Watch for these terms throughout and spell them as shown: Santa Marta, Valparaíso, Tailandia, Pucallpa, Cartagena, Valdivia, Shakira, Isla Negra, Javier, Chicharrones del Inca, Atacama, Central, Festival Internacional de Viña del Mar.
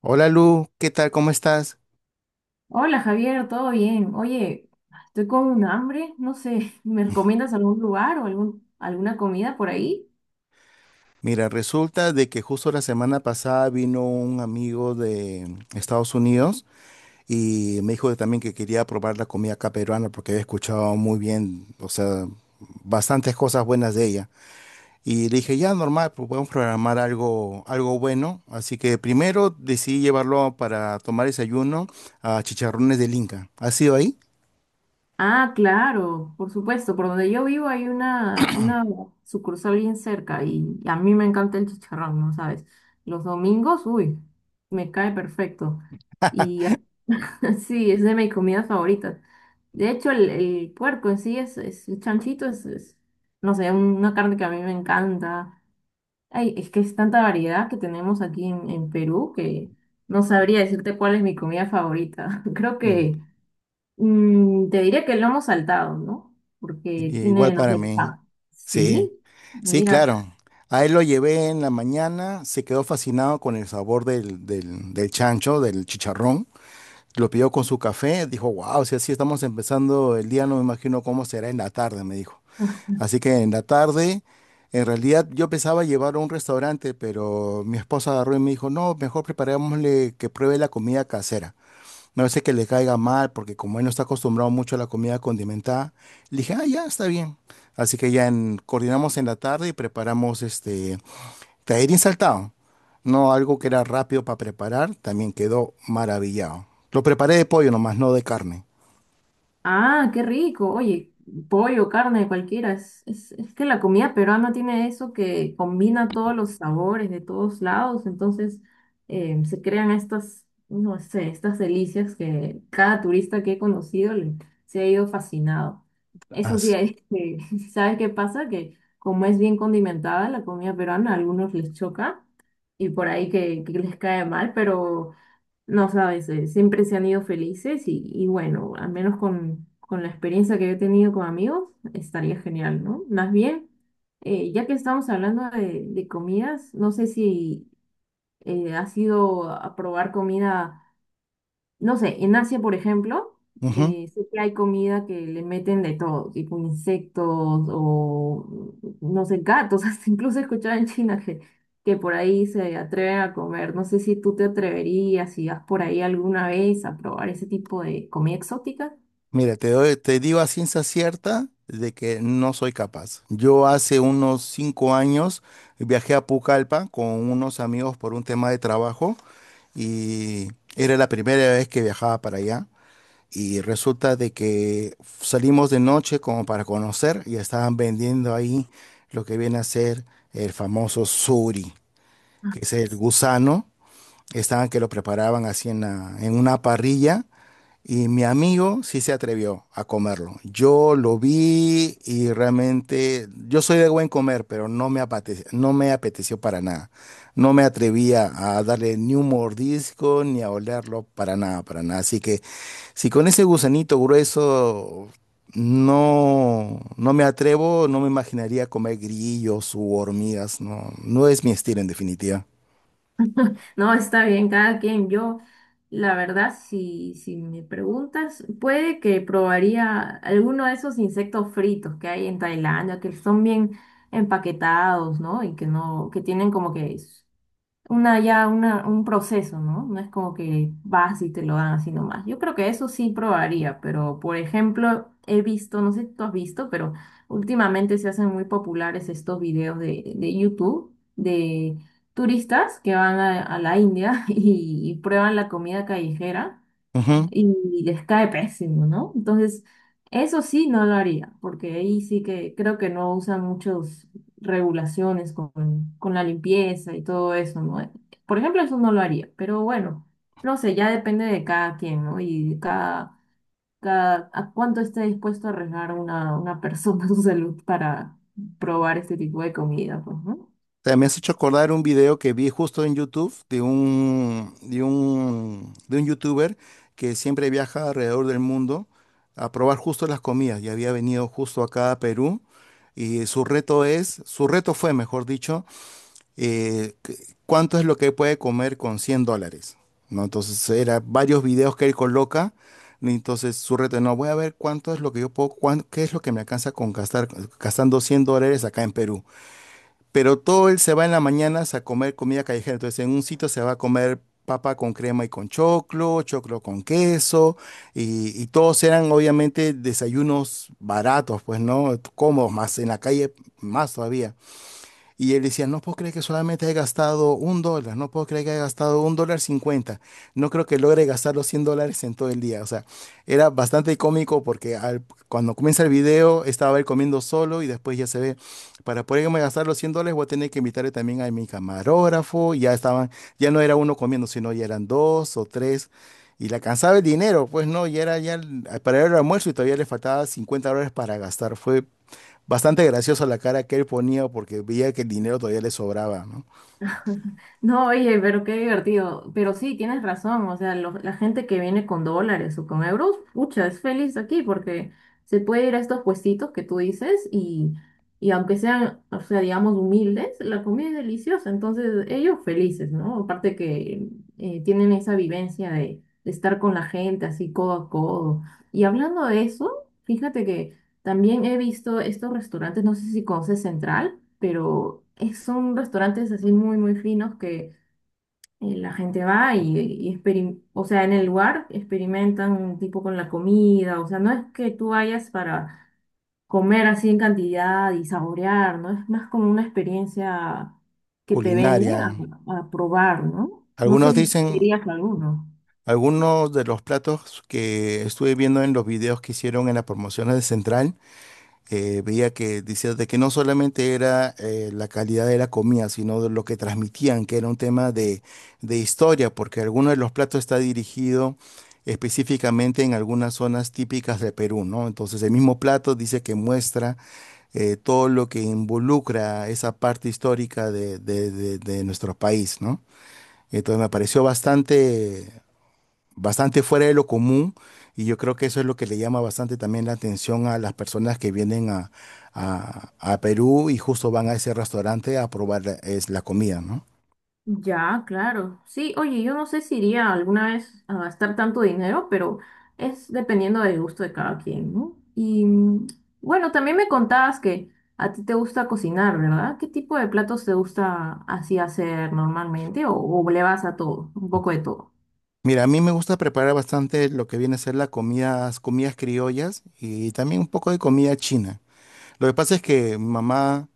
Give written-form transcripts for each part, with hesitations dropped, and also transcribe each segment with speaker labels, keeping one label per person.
Speaker 1: Hola Lu, ¿qué tal? ¿Cómo estás?
Speaker 2: Hola Javier, ¿todo bien? Oye, estoy con un hambre, no sé, ¿me recomiendas algún lugar o alguna comida por ahí?
Speaker 1: Mira, resulta de que justo la semana pasada vino un amigo de Estados Unidos y me dijo también que quería probar la comida acá peruana porque había escuchado muy bien, o sea, bastantes cosas buenas de ella. Y le dije, ya normal, pues podemos programar algo, algo bueno. Así que primero decidí llevarlo para tomar desayuno a Chicharrones del Inca. ¿Has sido ahí?
Speaker 2: Ah, claro, por supuesto, por donde yo vivo hay una sucursal bien cerca y a mí me encanta el chicharrón, ¿no sabes? Los domingos, uy, me cae perfecto. Y sí, es de mis comidas favoritas. De hecho, el puerco en sí es el chanchito, no sé, una carne que a mí me encanta. Ay, es que es tanta variedad que tenemos aquí en Perú que no sabría decirte cuál es mi comida favorita. Creo
Speaker 1: Mm,
Speaker 2: que te diría que el lomo saltado, ¿no? Porque
Speaker 1: igual
Speaker 2: tiene, no
Speaker 1: para
Speaker 2: sé,
Speaker 1: mí, sí.
Speaker 2: Sí,
Speaker 1: Sí,
Speaker 2: mira.
Speaker 1: claro. A él lo llevé en la mañana, se quedó fascinado con el sabor del chancho, del chicharrón. Lo pidió con su café, dijo, wow, si así estamos empezando el día, no me imagino cómo será en la tarde, me dijo. Así que en la tarde, en realidad yo pensaba llevarlo a un restaurante, pero mi esposa agarró y me dijo, no, mejor preparémosle que pruebe la comida casera. Me hace que le caiga mal, porque como él no está acostumbrado mucho a la comida condimentada, le dije, ah, ya, está bien. Así que ya coordinamos en la tarde y preparamos este tallarín saltado. No algo que era rápido para preparar, también quedó maravillado. Lo preparé de pollo nomás, no de carne.
Speaker 2: Ah, qué rico. Oye, pollo, carne, cualquiera. Es que la comida peruana tiene eso que combina todos los sabores de todos lados. Entonces, se crean estas, no sé, estas delicias que cada turista que he conocido se ha ido fascinado. Eso sí,
Speaker 1: Así.
Speaker 2: es que, ¿sabes qué pasa? Que como es bien condimentada la comida peruana, a algunos les choca y por ahí que les cae mal, pero... No sabes, siempre se han ido felices y bueno, al menos con la experiencia que yo he tenido con amigos, estaría genial, ¿no? Más bien, ya que estamos hablando de comidas, no sé si has ido a probar comida. No sé, en Asia, por ejemplo,
Speaker 1: Ujú.
Speaker 2: sé que hay comida que le meten de todo, tipo insectos o, no sé, gatos. Hasta incluso he escuchado en China que por ahí se atreven a comer. No sé si tú te atreverías, si vas por ahí alguna vez a probar ese tipo de comida exótica.
Speaker 1: Mira, te digo a ciencia cierta de que no soy capaz. Yo hace unos 5 años viajé a Pucallpa con unos amigos por un tema de trabajo y era la primera vez que viajaba para allá y resulta de que salimos de noche como para conocer y estaban vendiendo ahí lo que viene a ser el famoso suri, que es el gusano, estaban que lo preparaban así en, en una parrilla y mi amigo sí se atrevió a comerlo. Yo lo vi y realmente yo soy de buen comer, pero no me apeteció, no me apeteció para nada. No me atrevía a darle ni un mordisco ni a olerlo para nada, para nada. Así que si con ese gusanito grueso no, no me atrevo, no me imaginaría comer grillos u hormigas. No, no es mi estilo en definitiva.
Speaker 2: No, está bien, cada quien. Yo, la verdad, si me preguntas, puede que probaría alguno de esos insectos fritos que hay en Tailandia, que son bien empaquetados, ¿no? Y que no, que tienen como que un proceso, ¿no? No es como que vas y te lo dan así nomás. Yo creo que eso sí probaría, pero por ejemplo, he visto, no sé si tú has visto, pero últimamente se hacen muy populares estos videos de YouTube de turistas que van a la India y prueban la comida callejera
Speaker 1: Ujú.
Speaker 2: y les cae pésimo, ¿no? Entonces, eso sí no lo haría, porque ahí sí que creo que no usan muchas regulaciones con la limpieza y todo eso, ¿no? Por ejemplo, eso no lo haría, pero bueno, no sé, ya depende de cada quien, ¿no? Y a cuánto esté dispuesto a arriesgar una persona su salud para probar este tipo de comida, pues, ¿no?
Speaker 1: O sea, me has hecho acordar un video que vi justo en YouTube de un youtuber que siempre viaja alrededor del mundo a probar justo las comidas y había venido justo acá a Perú y su reto fue, mejor dicho, cuánto es lo que puede comer con $100, ¿no? Entonces, era varios videos que él coloca. Y entonces su reto, no, voy a ver cuánto es lo que yo puedo, qué es lo que me alcanza gastando $100 acá en Perú. Pero todo él se va en las mañanas a comer comida callejera. Entonces, en un sitio se va a comer papa con crema y con choclo, choclo con queso, y todos eran obviamente desayunos baratos, pues, ¿no? Cómodos, más en la calle, más todavía. Y él decía, no puedo creer que solamente he gastado $1, no puedo creer que he gastado $1,50, no creo que logre gastar los $100 en todo el día. O sea, era bastante cómico porque cuando comienza el video estaba él comiendo solo y después ya se ve, para poderme gastar los $100 voy a tener que invitarle también a mi camarógrafo, y ya estaban, ya no era uno comiendo, sino ya eran dos o tres. Y la alcanzaba el dinero, pues no, ya era ya para el almuerzo y todavía le faltaba $50 para gastar. Fue bastante graciosa la cara que él ponía porque veía que el dinero todavía le sobraba, ¿no?
Speaker 2: No, oye, pero qué divertido. Pero sí, tienes razón. O sea, la gente que viene con dólares o con euros, pucha, es feliz aquí porque se puede ir a estos puestitos que tú dices y aunque sean, o sea, digamos, humildes, la comida es deliciosa. Entonces, ellos felices, ¿no? Aparte que tienen esa vivencia de estar con la gente así codo a codo. Y hablando de eso, fíjate que también he visto estos restaurantes, no sé si conoces Central pero son restaurantes así muy finos que la gente va y o sea, en el lugar experimentan un tipo con la comida, o sea, no es que tú vayas para comer así en cantidad y saborear, ¿no? Es más como una experiencia que te venden
Speaker 1: Culinaria.
Speaker 2: a probar, ¿no? No sé
Speaker 1: Algunos
Speaker 2: si tú
Speaker 1: dicen,
Speaker 2: dirías alguno.
Speaker 1: algunos de los platos que estuve viendo en los videos que hicieron en las promociones de Central, veía que decía de que no solamente era la calidad de la comida, sino de lo que transmitían, que era un tema de, historia, porque alguno de los platos está dirigido específicamente en algunas zonas típicas de Perú, ¿no? Entonces el mismo plato dice que muestra todo lo que involucra esa parte histórica de nuestro país, ¿no? Entonces me pareció bastante, bastante fuera de lo común y yo creo que eso es lo que le llama bastante también la atención a las personas que vienen a, a Perú y justo van a ese restaurante a probar es la comida, ¿no?
Speaker 2: Ya, claro. Sí, oye, yo no sé si iría alguna vez a gastar tanto dinero, pero es dependiendo del gusto de cada quien, ¿no? Y bueno, también me contabas que a ti te gusta cocinar, ¿verdad? ¿Qué tipo de platos te gusta así hacer normalmente o le vas a todo, un poco de todo?
Speaker 1: Mira, a mí me gusta preparar bastante lo que viene a ser la comidas criollas y también un poco de comida china. Lo que pasa es que mamá,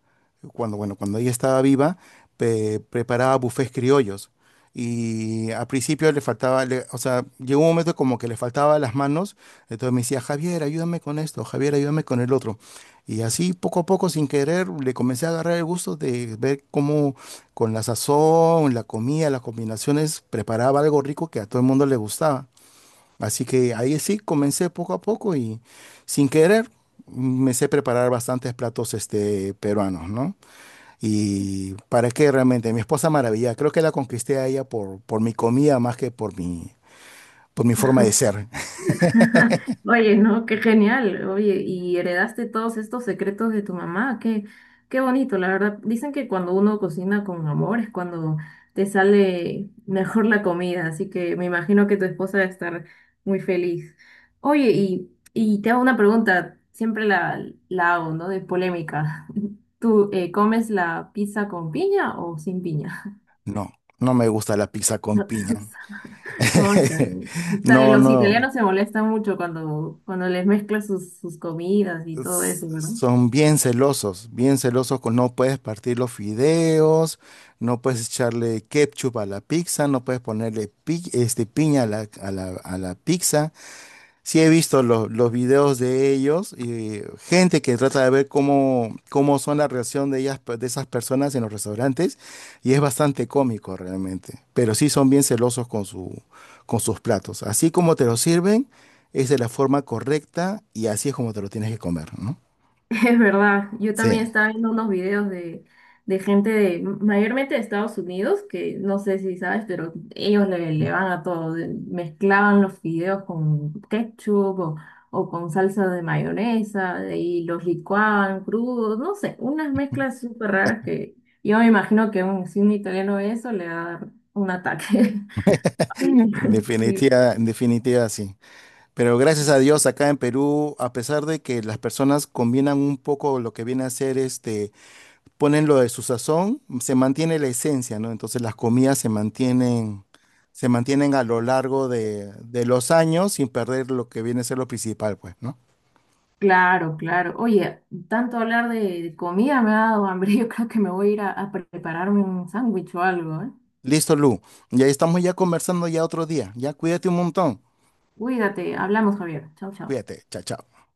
Speaker 1: cuando, bueno, cuando ella estaba viva, preparaba bufés criollos. Y al principio le faltaba, o sea, llegó un momento como que le faltaba las manos. Entonces me decía, Javier, ayúdame con esto, Javier, ayúdame con el otro. Y así poco a poco, sin querer, le comencé a agarrar el gusto de ver cómo con la sazón, la comida, las combinaciones, preparaba algo rico que a todo el mundo le gustaba. Así que ahí sí, comencé poco a poco y sin querer me sé preparar bastantes platos peruanos, ¿no? Y para qué realmente, mi esposa maravilla, creo que la conquisté a ella por mi comida más que por mi forma de ser.
Speaker 2: Oye, no, qué genial. Oye, y heredaste todos estos secretos de tu mamá. Qué, qué bonito, la verdad. Dicen que cuando uno cocina con amor es cuando te sale mejor la comida, así que me imagino que tu esposa debe estar muy feliz. Oye, y te hago una pregunta, siempre la hago, ¿no? De polémica. ¿Tú comes la pizza con piña o sin piña?
Speaker 1: No, no me gusta la pizza con piña.
Speaker 2: ¿Cómo están? Está-
Speaker 1: No,
Speaker 2: Los
Speaker 1: no.
Speaker 2: italianos se molestan mucho cuando les mezclas sus comidas y todo eso, ¿verdad?
Speaker 1: Son bien celosos con no puedes partir los fideos, no puedes echarle ketchup a la pizza, no puedes ponerle piña a la, a la pizza. Sí he visto los videos de ellos y gente que trata de ver cómo son la reacción de ellas, de esas personas en los restaurantes y es bastante cómico realmente, pero sí son bien celosos con con sus platos. Así como te lo sirven, es de la forma correcta y así es como te lo tienes que comer, ¿no?
Speaker 2: Es verdad, yo también
Speaker 1: Sí,
Speaker 2: estaba viendo unos videos de gente de, mayormente de Estados Unidos, que no sé si sabes, pero ellos le van a todo, mezclaban los fideos con ketchup o con salsa de mayonesa y los licuaban crudos, no sé, unas mezclas súper raras que yo me imagino que un, si un italiano ve eso le va a dar un ataque. Sí, sí,
Speaker 1: en definitiva sí. Pero gracias a Dios acá en Perú, a pesar de que las personas combinan un poco lo que viene a ser este, ponen lo de su sazón, se mantiene la esencia, ¿no? Entonces las comidas se mantienen a lo largo de los años sin perder lo que viene a ser lo principal, pues, ¿no?
Speaker 2: claro, claro. Oye, tanto hablar de comida me ha dado hambre. Yo creo que me voy a ir a prepararme un sándwich o algo, ¿eh?
Speaker 1: Listo, Lu. Y ahí estamos ya conversando ya otro día. Ya cuídate un montón.
Speaker 2: Cuídate, hablamos, Javier. Chao, chao.
Speaker 1: Cuídate. Chao, chao.